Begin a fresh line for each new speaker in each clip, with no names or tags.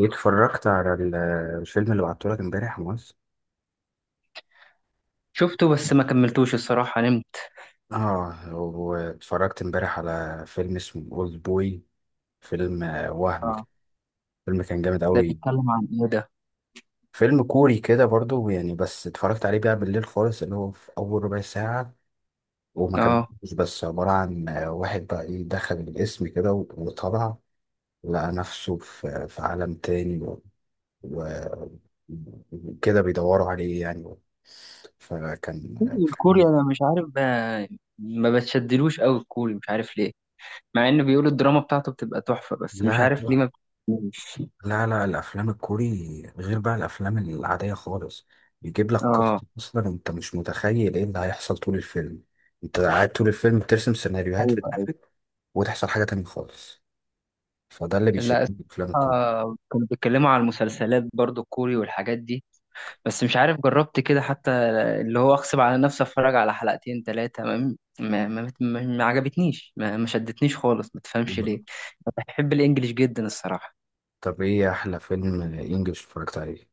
اتفرجت على الفيلم اللي بعتهولك امبارح موز.
شفته بس ما كملتوش الصراحة، نمت.
اه، واتفرجت امبارح على فيلم اسمه اولد بوي، فيلم وهم
اه.
كده. فيلم كان جامد
ده
قوي،
بيتكلم عن ايه ده؟
فيلم كوري كده برضو يعني، بس اتفرجت عليه بقى بالليل خالص اللي هو في اول ربع ساعة وما
اه،
كملتش. بس عبارة عن واحد بقى ايه دخل الاسم كده وطلع لقى نفسه في عالم تاني و- وكده بيدوروا عليه يعني. فكان
الكوري انا مش عارف بقى، ما بتشدلوش قوي الكوري، مش عارف ليه، مع ان بيقولوا الدراما بتاعته بتبقى تحفة، بس مش
لا،
عارف ليه ما بتشدنيش.
لا، لا، الافلام الكوري غير بقى الافلام العاديه خالص، بيجيب لك قصه
اه،
اصلا انت مش متخيل ايه اللي هيحصل طول الفيلم. انت قاعد طول الفيلم بترسم سيناريوهات
ايوه
في
ايوه،
دماغك وتحصل حاجه تانية خالص. فده اللي بيشدني
لا.
في الافلام الكوري.
الصراحة كانوا بيتكلموا على المسلسلات برضو الكوري والحاجات دي، بس مش عارف جربت كده حتى. اللي هو اغصب على نفسي اتفرج على حلقتين ثلاثه، ما عجبتنيش، ما شدتنيش خالص، ما تفهمش ليه. بحب الانجليش جدا الصراحه.
طب ايه احلى فيلم انجلش اتفرجت عليه؟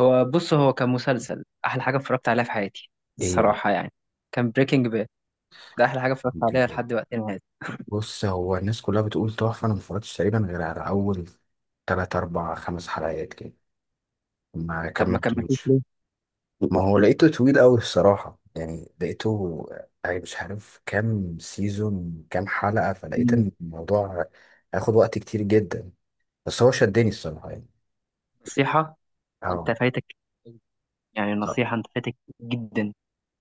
هو بص، هو كان مسلسل احلى حاجه اتفرجت عليها في حياتي
ايه؟
الصراحه يعني. كان بريكنج باد. ده احلى حاجه اتفرجت عليها لحد وقتنا هذا.
بص، هو الناس كلها بتقول تحفه، انا ما اتفرجتش تقريبا غير على اول 3 4 5 حلقات كده، ما
طب ما كملتوش
كملتوش.
ليه؟
ما هو لقيته طويل قوي الصراحة، يعني لقيته يعني مش عارف كام سيزون كام حلقة، فلقيت ان الموضوع هياخد وقت كتير جدا. بس هو شدني الصراحة يعني.
نصيحه، انت
اه،
فايتك. يعني
صح،
نصيحه، انت فايتك جدا.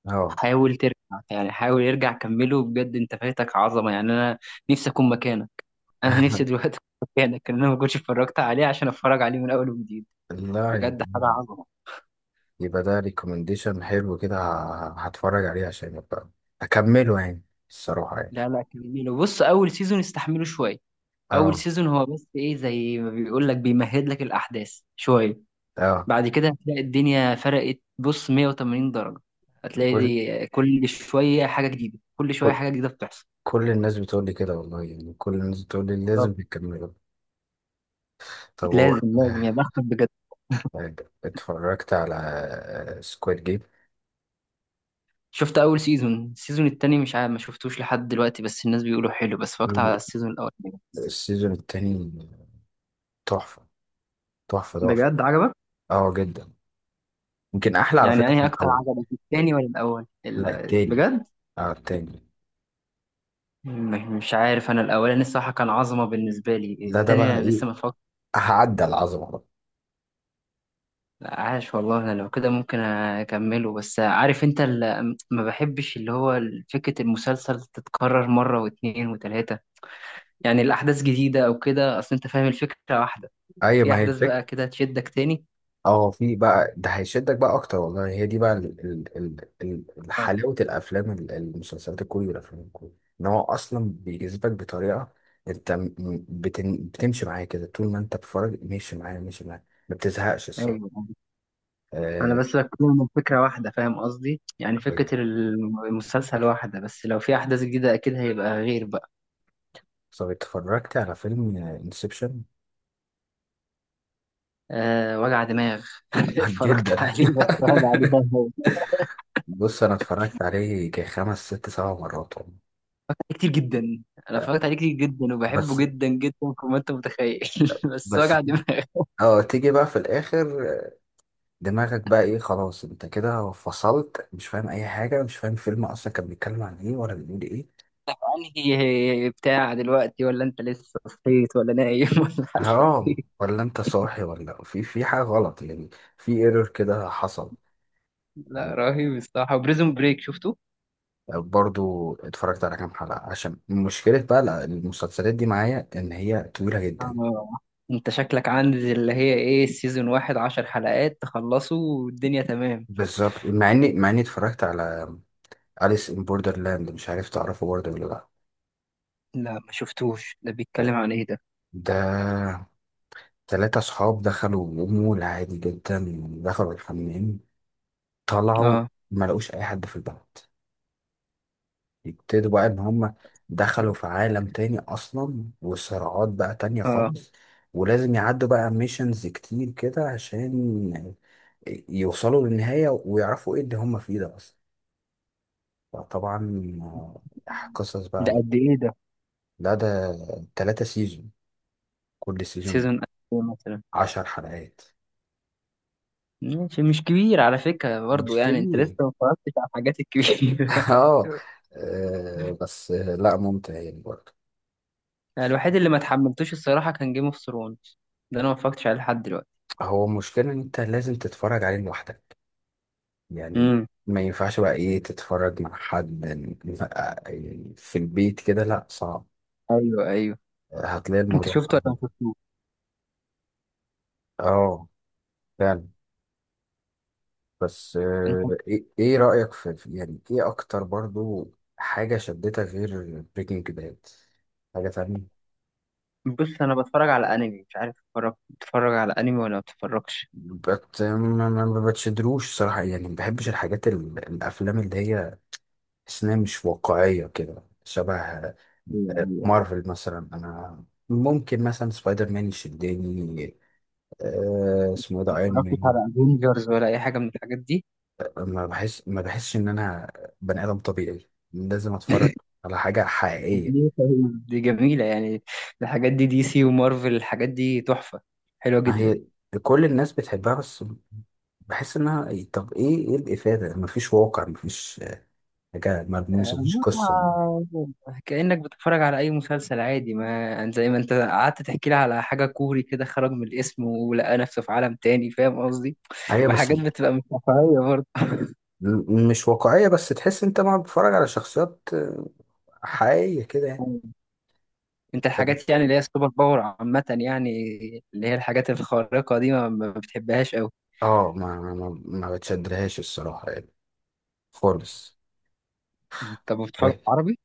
اه.
حاول ترجع. يعني حاول يرجع، كمله بجد، انت فايتك عظمه يعني. انا نفسي اكون مكانك. انا نفسي دلوقتي اكون مكانك ان انا ما كنتش اتفرجت عليه عشان اتفرج عليه من اول وجديد.
لا.
بجد
يبقى،
حاجه عظمه.
يبقى ده ريكومنديشن حلو كده، هتفرج عليه عشان يبقى اكمله يعني الصراحة يعني.
لا لا، كمله. بص اول سيزون استحمله شويه. اول
اه،
سيزون هو بس ايه، زي ما بيقول لك، بيمهد لك الاحداث شويه.
اه،
بعد كده هتلاقي الدنيا فرقت بص 180 درجه. هتلاقي
كل
دي كل شويه حاجه جديده، كل شويه
كل
حاجه جديده بتحصل.
كل الناس بتقول لي كده والله، يعني كل الناس بتقول لي
بالظبط.
لازم تكمله. طب هو
لازم لازم، يا بختك بجد.
طيب، اتفرجت على سكواد جيم؟
شفت اول سيزون، السيزون التاني مش عارف، ما شفتوش لحد دلوقتي، بس الناس بيقولوا حلو، بس فكت على السيزون الاول.
السيزون التاني تحفة، تحفة تحفة.
بجد عجبك؟
اه جدا، يمكن أحلى على
يعني
فكرة
انهي
من
اكتر
الأول.
عجبك، التاني ولا الاول
لا، التاني.
بجد؟
اه، التاني.
مش عارف انا الاولاني الصراحه كان عظمه بالنسبه لي،
لا ده
التاني
بقى
انا
إيه،
لسه ما اتفرجت.
هعدى العظمة بقى.
عاش والله انا لو كده ممكن اكمله، بس عارف انت ما بحبش اللي هو فكره المسلسل تتكرر مره واتنين وتلاته، يعني الاحداث جديده او كده، اصل انت فاهم الفكره واحده.
أي
في
ما هي
احداث
الفكرة.
بقى كده تشدك تاني.
اه في بقى، ده هيشدك بقى أكتر والله، هي دي بقى ال-
اه
حلاوة الأفلام المسلسلات الكوري والأفلام الكوري. إن هو أصلا بيجذبك بطريقة، أنت بتمشي معاه كده، طول ما أنت بتتفرج ماشي معاه ماشي معاه، ما بتزهقش
ايوه.
الصراحة.
انا
آه،
بس بتكلم من فكره واحده فاهم قصدي، يعني
طيب،
فكره المسلسل واحده، بس لو في احداث جديده اكيد هيبقى غير بقى.
طب اتفرجت على فيلم انسبشن؟
أه، وجع دماغ. اتفرجت
جدا.
عليه بس وجع دماغ.
بص انا اتفرجت عليه كخمس ست سبع مرات والله.
كتير جدا. انا
آه،
اتفرجت عليه كتير جدا وبحبه
بس،
جدا جدا كما انت متخيل. بس
بس
وجع دماغ.
اه تيجي بقى في الاخر دماغك بقى ايه خلاص انت كده فصلت، مش فاهم اي حاجه، مش فاهم الفيلم اصلا كان بيتكلم عن ايه ولا بيقول ايه.
انهي بتاع دلوقتي ولا انت لسه صحيت ولا نايم ولا حالك؟
اه، ولا انت صاحي ولا في حاجه غلط يعني، في ايرور كده حصل.
لا، رهيب الصراحه. وبريزون بريك شفته.
برضو اتفرجت على كام حلقة، عشان مشكلة بقى لا، المسلسلات دي معايا ان هي طويلة جدا.
آه. انت شكلك عندي اللي هي ايه، سيزون واحد عشر حلقات تخلصه والدنيا تمام.
بالظبط، مع اني اتفرجت على أليس ان بوردرلاند، مش عارف تعرفه برضه ولا لا.
لا ما شفتوش، ده بيتكلم عن ايه ده؟
ده تلاتة صحاب دخلوا مول عادي جدا، دخلوا الحمام، طلعوا،
اه.
ما لقوش اي حد في البلد. يبتدوا بقى ان هم دخلوا في عالم تاني اصلا، وصراعات بقى تانية
اه،
خالص. ولازم يعدوا بقى ميشنز كتير كده عشان يوصلوا للنهاية ويعرفوا ايه اللي هم فيه ده اصلا. فطبعا قصص
ده
بقى.
قد ايه ده؟
لا ده تلاتة سيزون، كل سيزون
سيزون قد ايه مثلا؟
عشر حلقات.
ماشي، مش كبير على فكرة برضو
مش
يعني، انت لسه
كبير.
ما اتفرجتش على الحاجات الكبيرة.
اه. آه، بس آه، لا ممتع يعني برضه.
الوحيد اللي ما اتحملتوش الصراحة كان جيم اوف ثرونز. ده انا ما اتفرجتش عليه لحد دلوقتي.
هو المشكلة ان انت لازم تتفرج عليه لوحدك يعني،
امم.
ما ينفعش بقى ايه تتفرج مع حد. يعني في البيت كده لا صعب،
ايوه ايوه.
هتلاقي
انت
الموضوع
شفته ولا
صعب.
ما شفتوش؟
اه فعلا. بس
أنا-
ايه إيه رأيك يعني ايه اكتر برضو حاجة شدتك غير بريكنج باد حاجة تانية؟
بص انا بتفرج على انمي، مش عارف اتفرج، بتتفرج على انمي ولا ما بتتفرجش؟
بت ما ما- ما بتشدروش صراحة يعني، ما بحبش الحاجات الافلام اللي هي تحس إنها مش واقعية كده شبه
ايوه ايوه.
مارفل مثلا. انا ممكن مثلا سبايدر مان يشدني اسمه إيه ده،
ما
ايرون
اتفرجتش
مان.
على افنجرز ولا اي حاجه من الحاجات دي.
ما بحسش ان انا بني ادم طبيعي لازم اتفرج على حاجه حقيقيه.
دي دي جميله يعني. الحاجات دي دي سي ومارفل، الحاجات دي تحفه، حلوه
ما
جدا.
هي كل الناس بتحبها، بس بحس انها طب ايه ايه الافاده، ما فيش واقع، ما فيش حاجه
آه،
ملموسه، ما فيش قصه.
ما- كانك بتتفرج على اي مسلسل عادي، ما يعني زي ما انت قعدت تحكي لي على حاجه كوري كده، خرج من الاسم ولقى نفسه في عالم تاني فاهم قصدي،
هي
ما
بس
حاجات بتبقى مش واقعيه برضه.
مش واقعيه، بس تحس انت ما بتتفرج على شخصيات حقيقيه كده يعني.
انت الحاجات يعني اللي هي السوبر باور عامه يعني، اللي هي الحاجات الخارقه دي ما بتحبهاش قوي.
اه، ما بتشدلهاش الصراحه يعني خالص.
انت بتتفرج عربي؟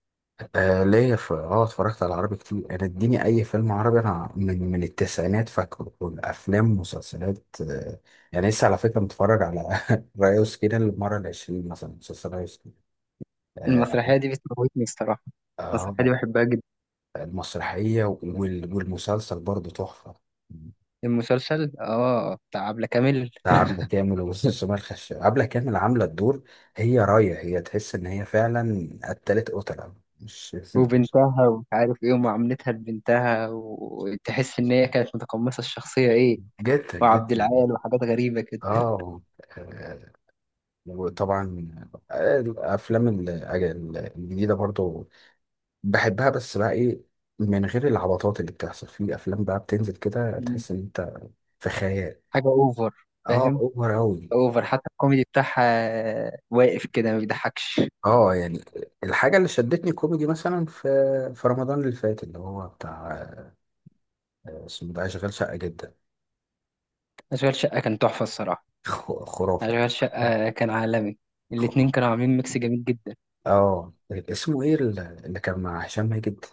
آه، ليا في اه اتفرجت على عربي كتير، انا اديني اي فيلم عربي، انا من التسعينات فاكره، والافلام مسلسلات آه، يعني لسه على فكره متفرج على ريوس كده المره العشرين مثلا، مسلسل ريوس كده. آه.
المسرحية دي بتموتني الصراحة. المسرحية دي
آه.
بحبها جدا.
المسرحيه والمسلسل برضه تحفه.
المسلسل اه بتاع عبلة كامل
بتاع عبلة كامل وسمية الخشاب، عبلة كامل عامله الدور، هي رايه هي تحس ان هي فعلا قتلت قتله مش مش-.
وبنتها ومش عارف ايه، ومعاملتها لبنتها، وتحس ان هي كانت متقمصة الشخصية ايه،
جدا
وعبد
جدا.
العال وحاجات غريبة كده.
اه. آه، وطبعا آه، الافلام ال- آه، ال- الجديده برضو بحبها، بس بقى ايه، من غير العبطات اللي بتحصل في افلام بقى بتنزل كده
مم.
تحس ان انت في خيال.
حاجة اوفر
اه
فاهم.
اوفر اوي.
اوفر، حتى الكوميدي بتاعها واقف كده ما بيضحكش.
اه يعني الحاجه اللي شدتني كوميدي مثلا في رمضان اللي فات اللي هو بتاع اسمه ده اشغال شقه جدا.
اشغال شقة كان تحفة الصراحة.
خرافه،
اشغال شقة كان عالمي.
خرافه.
الاتنين كانوا عاملين ميكس جميل جدا.
اه اسمه ايه اللي كان مع هشام ماجد،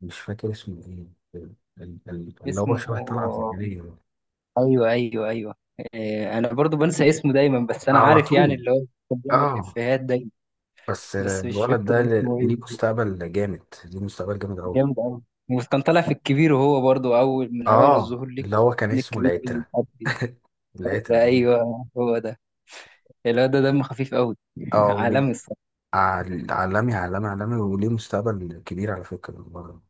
مش فاكر اسمه ايه، ال- اللي هو
اسمه،
شبه طلعت زكريا.
ايوه ايوه ايوه، إيه، انا برضو بنسى اسمه دايما، بس انا
على
عارف يعني
طول،
اللي هو كان بيعمل
اه.
افيهات دايما.
بس
بس مش
الولد ده
فاكر اسمه ايه.
ليه مستقبل جامد، ليه مستقبل جامد قوي.
جامد قوي. وكان طالع في الكبير، وهو برضو اول من اوائل
اه
الظهور ليك.
اللي هو كان اسمه
الكبير أوي، مش
العترة.
عارف إيه.
العترة.
ايوه هو ده. اللي هو ده دم خفيف قوي.
اه وليه
عالمي الصراحه.
عالمي عالمي عالمي، وليه مستقبل كبير على فكرة الولد ده.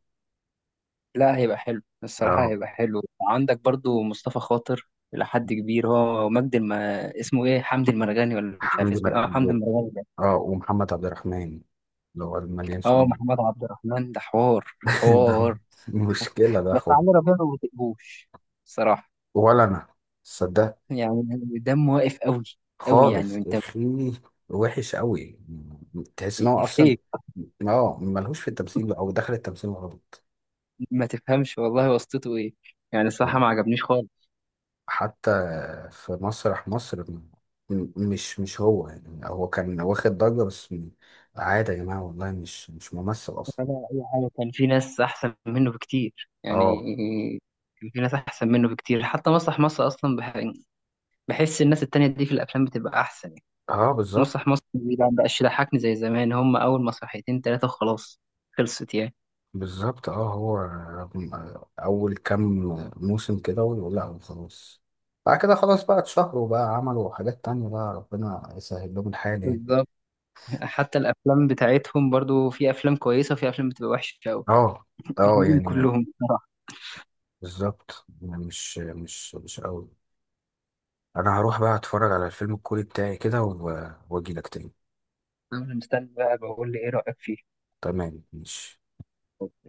لا هيبقى حلو الصراحه،
اه
هيبقى حلو. عندك برضو مصطفى خاطر، إلى حد كبير هو مجد اسمه ايه، حمدي المرغني، ولا مش عارف
الحمد
اسمه إيه؟ اه حمدي
لله.
المرغني ده.
اه ومحمد عبد الرحمن اللي هو المليان
اه
سنين.
محمد عبد الرحمن ده حوار.
ده
حوار.
مشكلة ده
بس
خد.
علي ربيع ما بطيقهوش صراحة
ولا انا، صدقني.
يعني، دمه واقف قوي، قوي يعني
خالص يا
انت
اخي، وحش قوي، تحس ان هو اصلا
فيك،
اه ملهوش في التمثيل، او دخل التمثيل غلط.
ما تفهمش والله واسطته ايه يعني، الصراحة
آه.
ما عجبنيش خالص،
حتى في مسرح مصر مش هو، يعني هو كان واخد ضجة بس عادي يا جماعة والله مش ممثل اصلا.
ولا اي حاجة. كان في ناس احسن منه بكتير يعني،
اه.
كان في ناس احسن منه بكتير، حتى مسرح مصر اصلا بحس الناس التانية دي في الافلام بتبقى احسن يعني.
اه.
مسرح
بالظبط.
مصر ما بقاش يضحكني زي زمان، هم اول مسرحيتين تلاتة وخلاص، خلصت يعني.
بالظبط، اه هو اول كام موسم كده ويقول لا خلاص، بعد كده خلاص بقى اتشهروا بقى عملوا حاجات تانية بقى ربنا يسهل لهم الحال يعني.
بالظبط. حتى الافلام بتاعتهم برضو، في افلام كويسة وفي افلام بتبقى وحشة قوي.
اه. اه
الاتنين
يعني
كلهم بصراحة.
بالظبط يعني مش قوي. انا هروح بقى اتفرج على الفيلم الكوري بتاعي كده واجي لك تاني.
أنا مستني بقى بقول لي إيه رأيك فيه.
تمام ماشي.